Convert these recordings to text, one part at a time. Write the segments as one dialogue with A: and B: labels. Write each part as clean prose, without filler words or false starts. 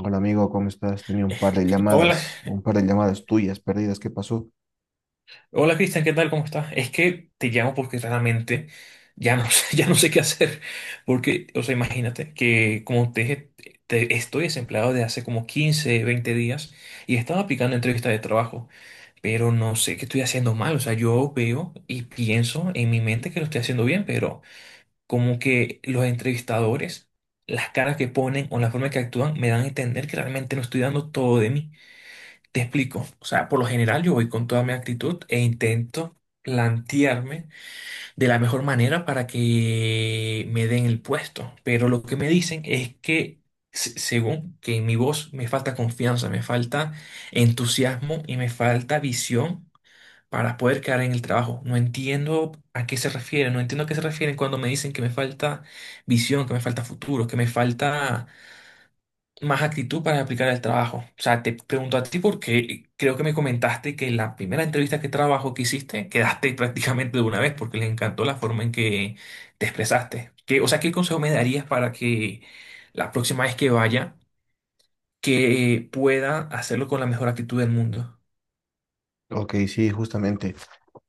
A: Hola amigo, ¿cómo estás? Tenía un par de
B: Hola,
A: llamadas, un par de llamadas tuyas perdidas. ¿Qué pasó?
B: hola Cristian, ¿qué tal? ¿Cómo estás? Es que te llamo porque realmente ya no sé, ya no sé qué hacer. Porque, o sea, imagínate que como te dije, estoy desempleado de hace como 15, 20 días y estaba aplicando entrevistas de trabajo, pero no sé qué estoy haciendo mal. O sea, yo veo y pienso en mi mente que lo estoy haciendo bien, pero como que los entrevistadores, las caras que ponen o la forma que actúan me dan a entender que realmente no estoy dando todo de mí. Te explico. O sea, por lo general yo voy con toda mi actitud e intento plantearme de la mejor manera para que me den el puesto. Pero lo que me dicen es que, según que en mi voz me falta confianza, me falta entusiasmo y me falta visión para poder quedar en el trabajo. No entiendo a qué se refieren, no entiendo a qué se refieren cuando me dicen que me falta visión, que me falta futuro, que me falta más actitud para aplicar el trabajo. O sea, te pregunto a ti porque creo que me comentaste que en la primera entrevista que trabajo que hiciste, quedaste prácticamente de una vez porque les encantó la forma en que te expresaste. O sea, ¿qué consejo me darías para que la próxima vez que vaya, que pueda hacerlo con la mejor actitud del mundo?
A: Ok, sí, justamente.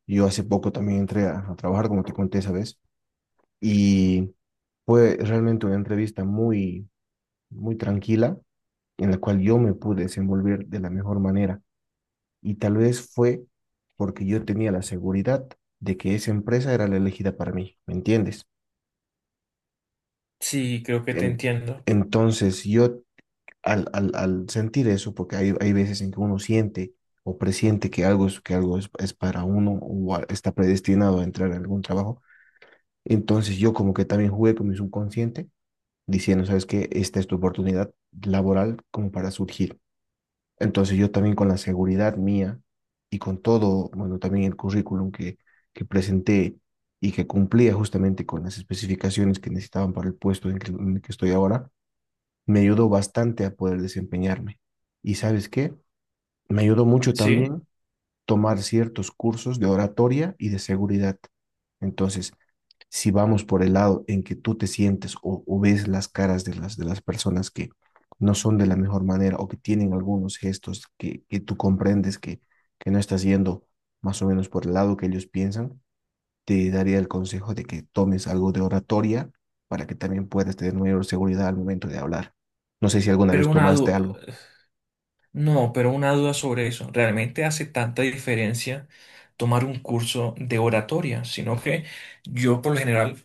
A: Yo hace poco también entré a trabajar, como te conté esa vez, y fue realmente una entrevista muy, muy tranquila, en la cual yo me pude desenvolver de la mejor manera. Y tal vez fue porque yo tenía la seguridad de que esa empresa era la elegida para mí, ¿me entiendes?
B: Sí, creo que te
A: En-
B: entiendo.
A: entonces yo al sentir eso, porque hay veces en que uno siente o presiente que algo es, que algo es para uno o está predestinado a entrar en algún trabajo, entonces yo como que también jugué con mi subconsciente diciendo, ¿sabes qué? Esta es tu oportunidad laboral como para surgir. Entonces yo también con la seguridad mía y con todo, bueno, también el currículum que presenté y que cumplía justamente con las especificaciones que necesitaban para el puesto en el que estoy ahora, me ayudó bastante a poder desempeñarme. ¿Y sabes qué? Me ayudó mucho
B: Sí,
A: también tomar ciertos cursos de oratoria y de seguridad. Entonces, si vamos por el lado en que tú te sientes o ves las caras de de las personas que no son de la mejor manera o que tienen algunos gestos que tú comprendes que no estás yendo más o menos por el lado que ellos piensan, te daría el consejo de que tomes algo de oratoria para que también puedas tener mayor seguridad al momento de hablar. No sé si alguna
B: pero
A: vez
B: una
A: tomaste
B: duda,
A: algo.
B: no, pero una duda sobre eso. ¿Realmente hace tanta diferencia tomar un curso de oratoria? Sino que yo por lo general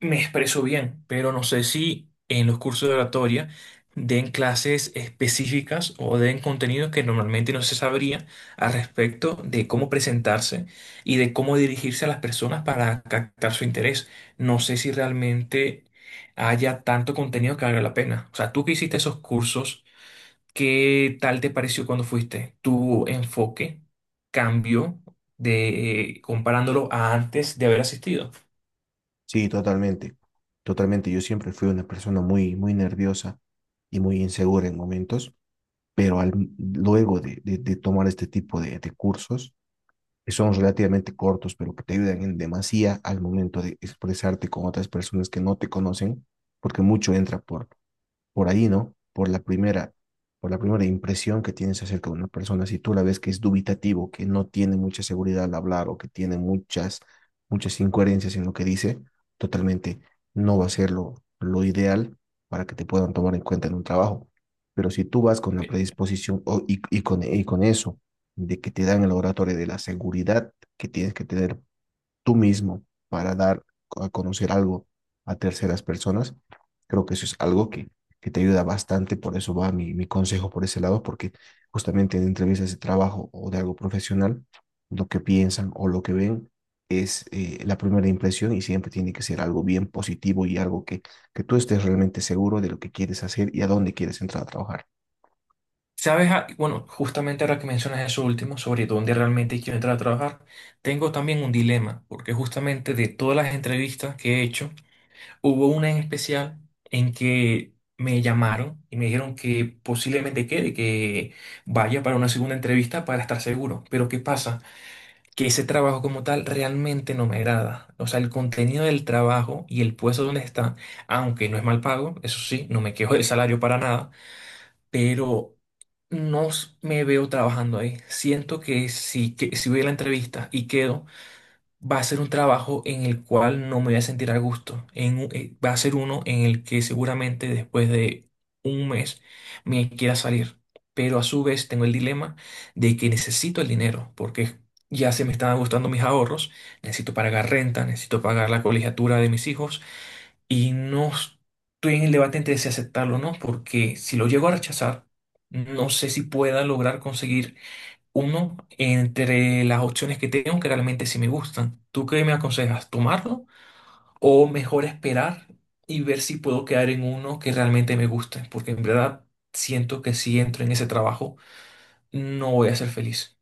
B: me expreso bien, pero no sé si en los cursos de oratoria den clases específicas o den contenido que normalmente no se sabría al respecto de cómo presentarse y de cómo dirigirse a las personas para captar su interés. No sé si realmente haya tanto contenido que valga la pena. O sea, tú que hiciste esos cursos, ¿qué tal te pareció cuando fuiste? ¿Tu enfoque cambió de comparándolo a antes de haber asistido?
A: Sí, totalmente. Totalmente. Yo siempre fui una persona muy, muy nerviosa y muy insegura en momentos, pero luego de tomar este tipo de cursos, que son relativamente cortos, pero que te ayudan en demasía al momento de expresarte con otras personas que no te conocen, porque mucho entra por ahí, ¿no? Por la primera impresión que tienes acerca de una persona, si tú la ves que es dubitativo, que no tiene mucha seguridad al hablar o que tiene muchas, muchas incoherencias en lo que dice, totalmente no va a ser lo ideal para que te puedan tomar en cuenta en un trabajo. Pero si tú vas con la predisposición y con eso, de que te dan el laboratorio de la seguridad que tienes que tener tú mismo para dar a conocer algo a terceras personas, creo que eso es algo que te ayuda bastante, por eso va mi consejo por ese lado, porque justamente en entrevistas de trabajo o de algo profesional, lo que piensan o lo que ven es la primera impresión y siempre tiene que ser algo bien positivo y algo que tú estés realmente seguro de lo que quieres hacer y a dónde quieres entrar a trabajar.
B: Sabes, ah, bueno, justamente ahora que mencionas eso último sobre dónde realmente quiero entrar a trabajar, tengo también un dilema, porque justamente de todas las entrevistas que he hecho, hubo una en especial en que me llamaron y me dijeron que posiblemente quede, que vaya para una segunda entrevista para estar seguro. Pero ¿qué pasa? Que ese trabajo como tal realmente no me agrada. O sea, el contenido del trabajo y el puesto donde está, aunque no es mal pago, eso sí, no me quejo del salario para nada, pero no s- me veo trabajando ahí. Siento que si voy a la entrevista y quedo, va a ser un trabajo en el cual no me voy a sentir a gusto. Va a ser uno en el que seguramente después de un mes me quiera salir. Pero a su vez tengo el dilema de que necesito el dinero, porque ya se me están gustando mis ahorros, necesito pagar renta, necesito pagar la colegiatura de mis hijos. Y no estoy en el debate entre si aceptarlo o no, porque si lo llego a rechazar, no sé si pueda lograr conseguir uno entre las opciones que tengo que realmente sí me gustan. ¿Tú qué me aconsejas? ¿Tomarlo o mejor esperar y ver si puedo quedar en uno que realmente me guste? Porque en verdad siento que si entro en ese trabajo, no voy a ser feliz.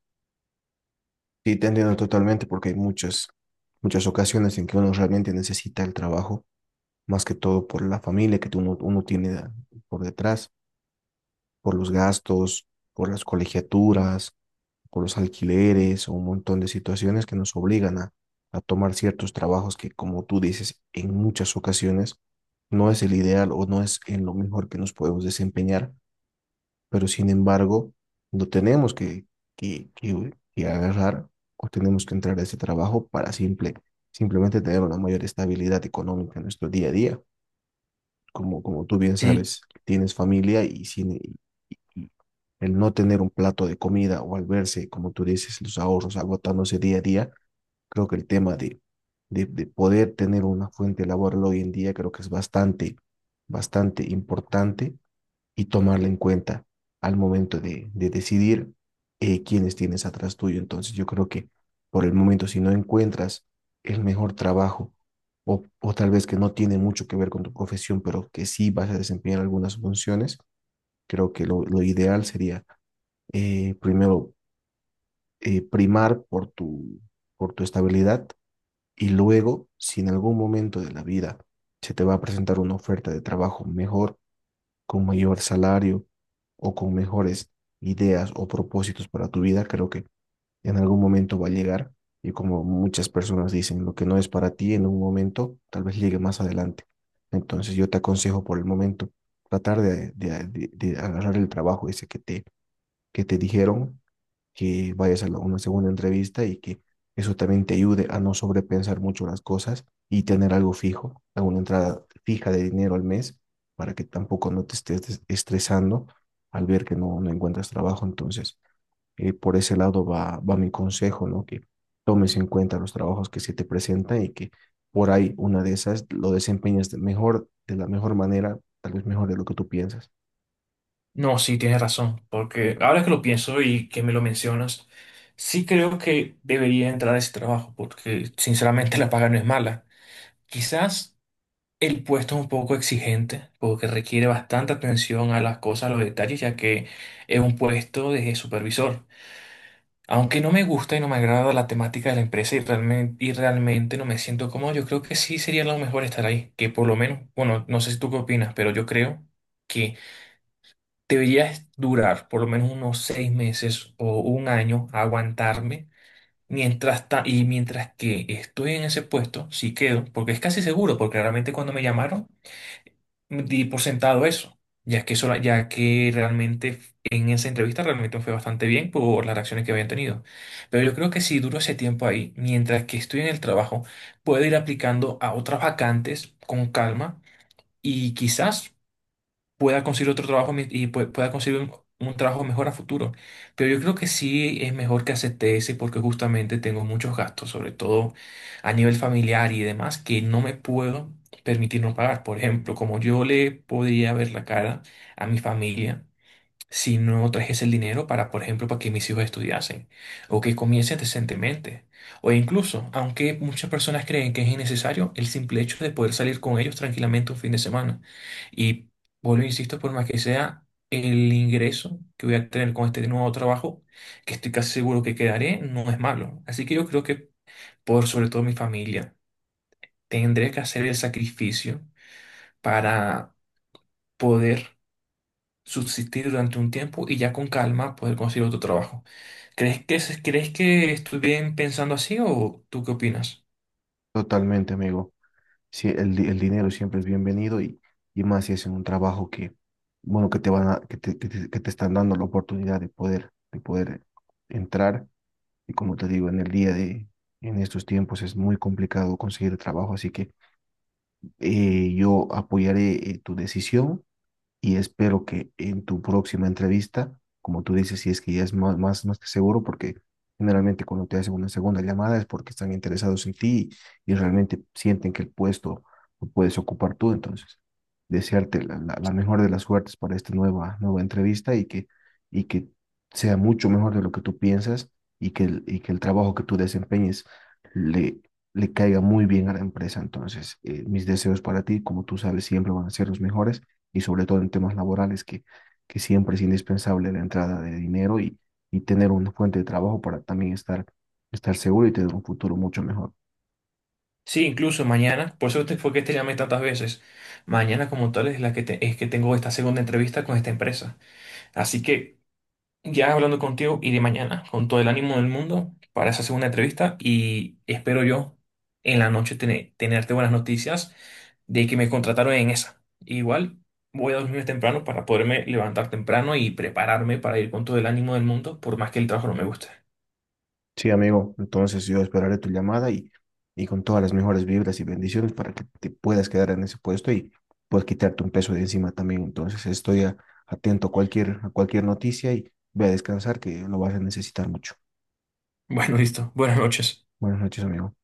A: Sí, te entiendo totalmente porque hay muchas, muchas ocasiones en que uno realmente necesita el trabajo más que todo por la familia que uno tiene por detrás, por los gastos, por las colegiaturas, por los alquileres o un montón de situaciones que nos obligan a tomar ciertos trabajos que, como tú dices, en muchas ocasiones no es el ideal o no es en lo mejor que nos podemos desempeñar, pero sin embargo, no tenemos que agarrar o tenemos que entrar a ese trabajo para simplemente tener una mayor estabilidad económica en nuestro día a día como, como tú bien
B: Si.
A: sabes, tienes familia y, sin, y el no tener un plato de comida o al verse, como tú dices, los ahorros agotándose día a día, creo que el tema de poder tener una fuente laboral hoy en día creo que es bastante, bastante importante y tomarla en cuenta al momento de decidir quiénes tienes atrás tuyo. Entonces yo creo que por el momento, si no encuentras el mejor trabajo o tal vez que no tiene mucho que ver con tu profesión, pero que sí vas a desempeñar algunas funciones, creo que lo ideal sería primero, primar por por tu estabilidad y luego, si en algún momento de la vida se te va a presentar una oferta de trabajo mejor, con mayor salario o con mejores ideas o propósitos para tu vida, creo que en algún momento va a llegar. Y como muchas personas dicen, lo que no es para ti en un momento, tal vez llegue más adelante. Entonces yo te aconsejo por el momento tratar de agarrar el trabajo ese que que te dijeron que vayas a una segunda entrevista y que eso también te ayude a no sobrepensar mucho las cosas y tener algo fijo, alguna entrada fija de dinero al mes para que tampoco no te estés estresando al ver que no encuentras trabajo. Entonces, por ese lado va mi consejo, ¿no? Que tomes en cuenta los trabajos que se te presentan y que por ahí una de esas lo desempeñes de la mejor manera, tal vez mejor de lo que tú piensas.
B: No, sí, tienes razón, porque ahora que lo pienso y que me lo mencionas, sí creo que debería entrar a ese trabajo, porque sinceramente la paga no es mala. Quizás el puesto es un poco exigente, porque requiere bastante atención a las cosas, a los detalles, ya que es un puesto de supervisor. Aunque no me gusta y no me agrada la temática de la empresa y realmente no me siento cómodo, yo creo que sí sería lo mejor estar ahí, que por lo menos, bueno, no sé si tú qué opinas, pero yo creo que deberías durar por lo menos unos 6 meses o un año, aguantarme. Mientras ta- y mientras que estoy en ese puesto, sí quedo, porque es casi seguro, porque realmente cuando me llamaron di por sentado eso, ya que realmente en esa entrevista realmente me fue bastante bien por las reacciones que habían tenido. Pero yo creo que si duro ese tiempo ahí, mientras que estoy en el trabajo, puedo ir aplicando a otras vacantes con calma y quizás pueda conseguir otro trabajo mi- y pue- pueda conseguir un trabajo mejor a futuro. Pero yo creo que sí es mejor que acepte ese porque justamente tengo muchos gastos, sobre todo a nivel familiar y demás, que no me puedo permitir no pagar. Por ejemplo, como yo le podría ver la cara a mi familia si no trajese el dinero para, por ejemplo, para que mis hijos estudiasen o que comiencen decentemente? O incluso, aunque muchas personas creen que es innecesario, el simple hecho de poder salir con ellos tranquilamente un fin de semana. Y vuelvo, e insisto, por más que sea el ingreso que voy a tener con este nuevo trabajo, que estoy casi seguro que quedaré, no es malo. Así que yo creo que por sobre todo mi familia, tendré que hacer el sacrificio para poder subsistir durante un tiempo y ya con calma poder conseguir otro trabajo. ¿Crees que, crees que estoy bien pensando así o tú qué opinas?
A: Totalmente, amigo. Sí, el dinero siempre es bienvenido y más si es en un trabajo que, bueno, que te van a, que te están dando la oportunidad de poder entrar. Y como te digo, en el día de, en estos tiempos es muy complicado conseguir trabajo, así que yo apoyaré tu decisión y espero que en tu próxima entrevista, como tú dices, si es que ya es más que seguro, porque generalmente cuando te hacen una segunda llamada es porque están interesados en ti y, realmente sienten que el puesto lo puedes ocupar tú. Entonces, desearte la mejor de las suertes para esta nueva, nueva entrevista y que sea mucho mejor de lo que tú piensas y que el trabajo que tú desempeñes le, le caiga muy bien a la empresa. Entonces, mis deseos para ti, como tú sabes, siempre van a ser los mejores y sobre todo en temas laborales, que siempre es indispensable la entrada de dinero y tener una fuente de trabajo para también estar seguro y tener un futuro mucho mejor.
B: Sí, incluso mañana, por eso fue que te llamé tantas veces. Mañana como tal es que tengo esta segunda entrevista con esta empresa. Así que ya hablando contigo iré mañana con todo el ánimo del mundo para esa segunda entrevista y espero yo en la noche tenerte buenas noticias de que me contrataron en esa. Igual voy a dormir temprano para poderme levantar temprano y prepararme para ir con todo el ánimo del mundo por más que el trabajo no me guste.
A: Sí, amigo, entonces yo esperaré tu llamada y con todas las mejores vibras y bendiciones para que te puedas quedar en ese puesto y puedas quitarte un peso de encima también. Entonces estoy atento a a cualquier noticia y ve a descansar que lo vas a necesitar mucho.
B: Bueno, listo. Buenas noches.
A: Buenas noches, amigo.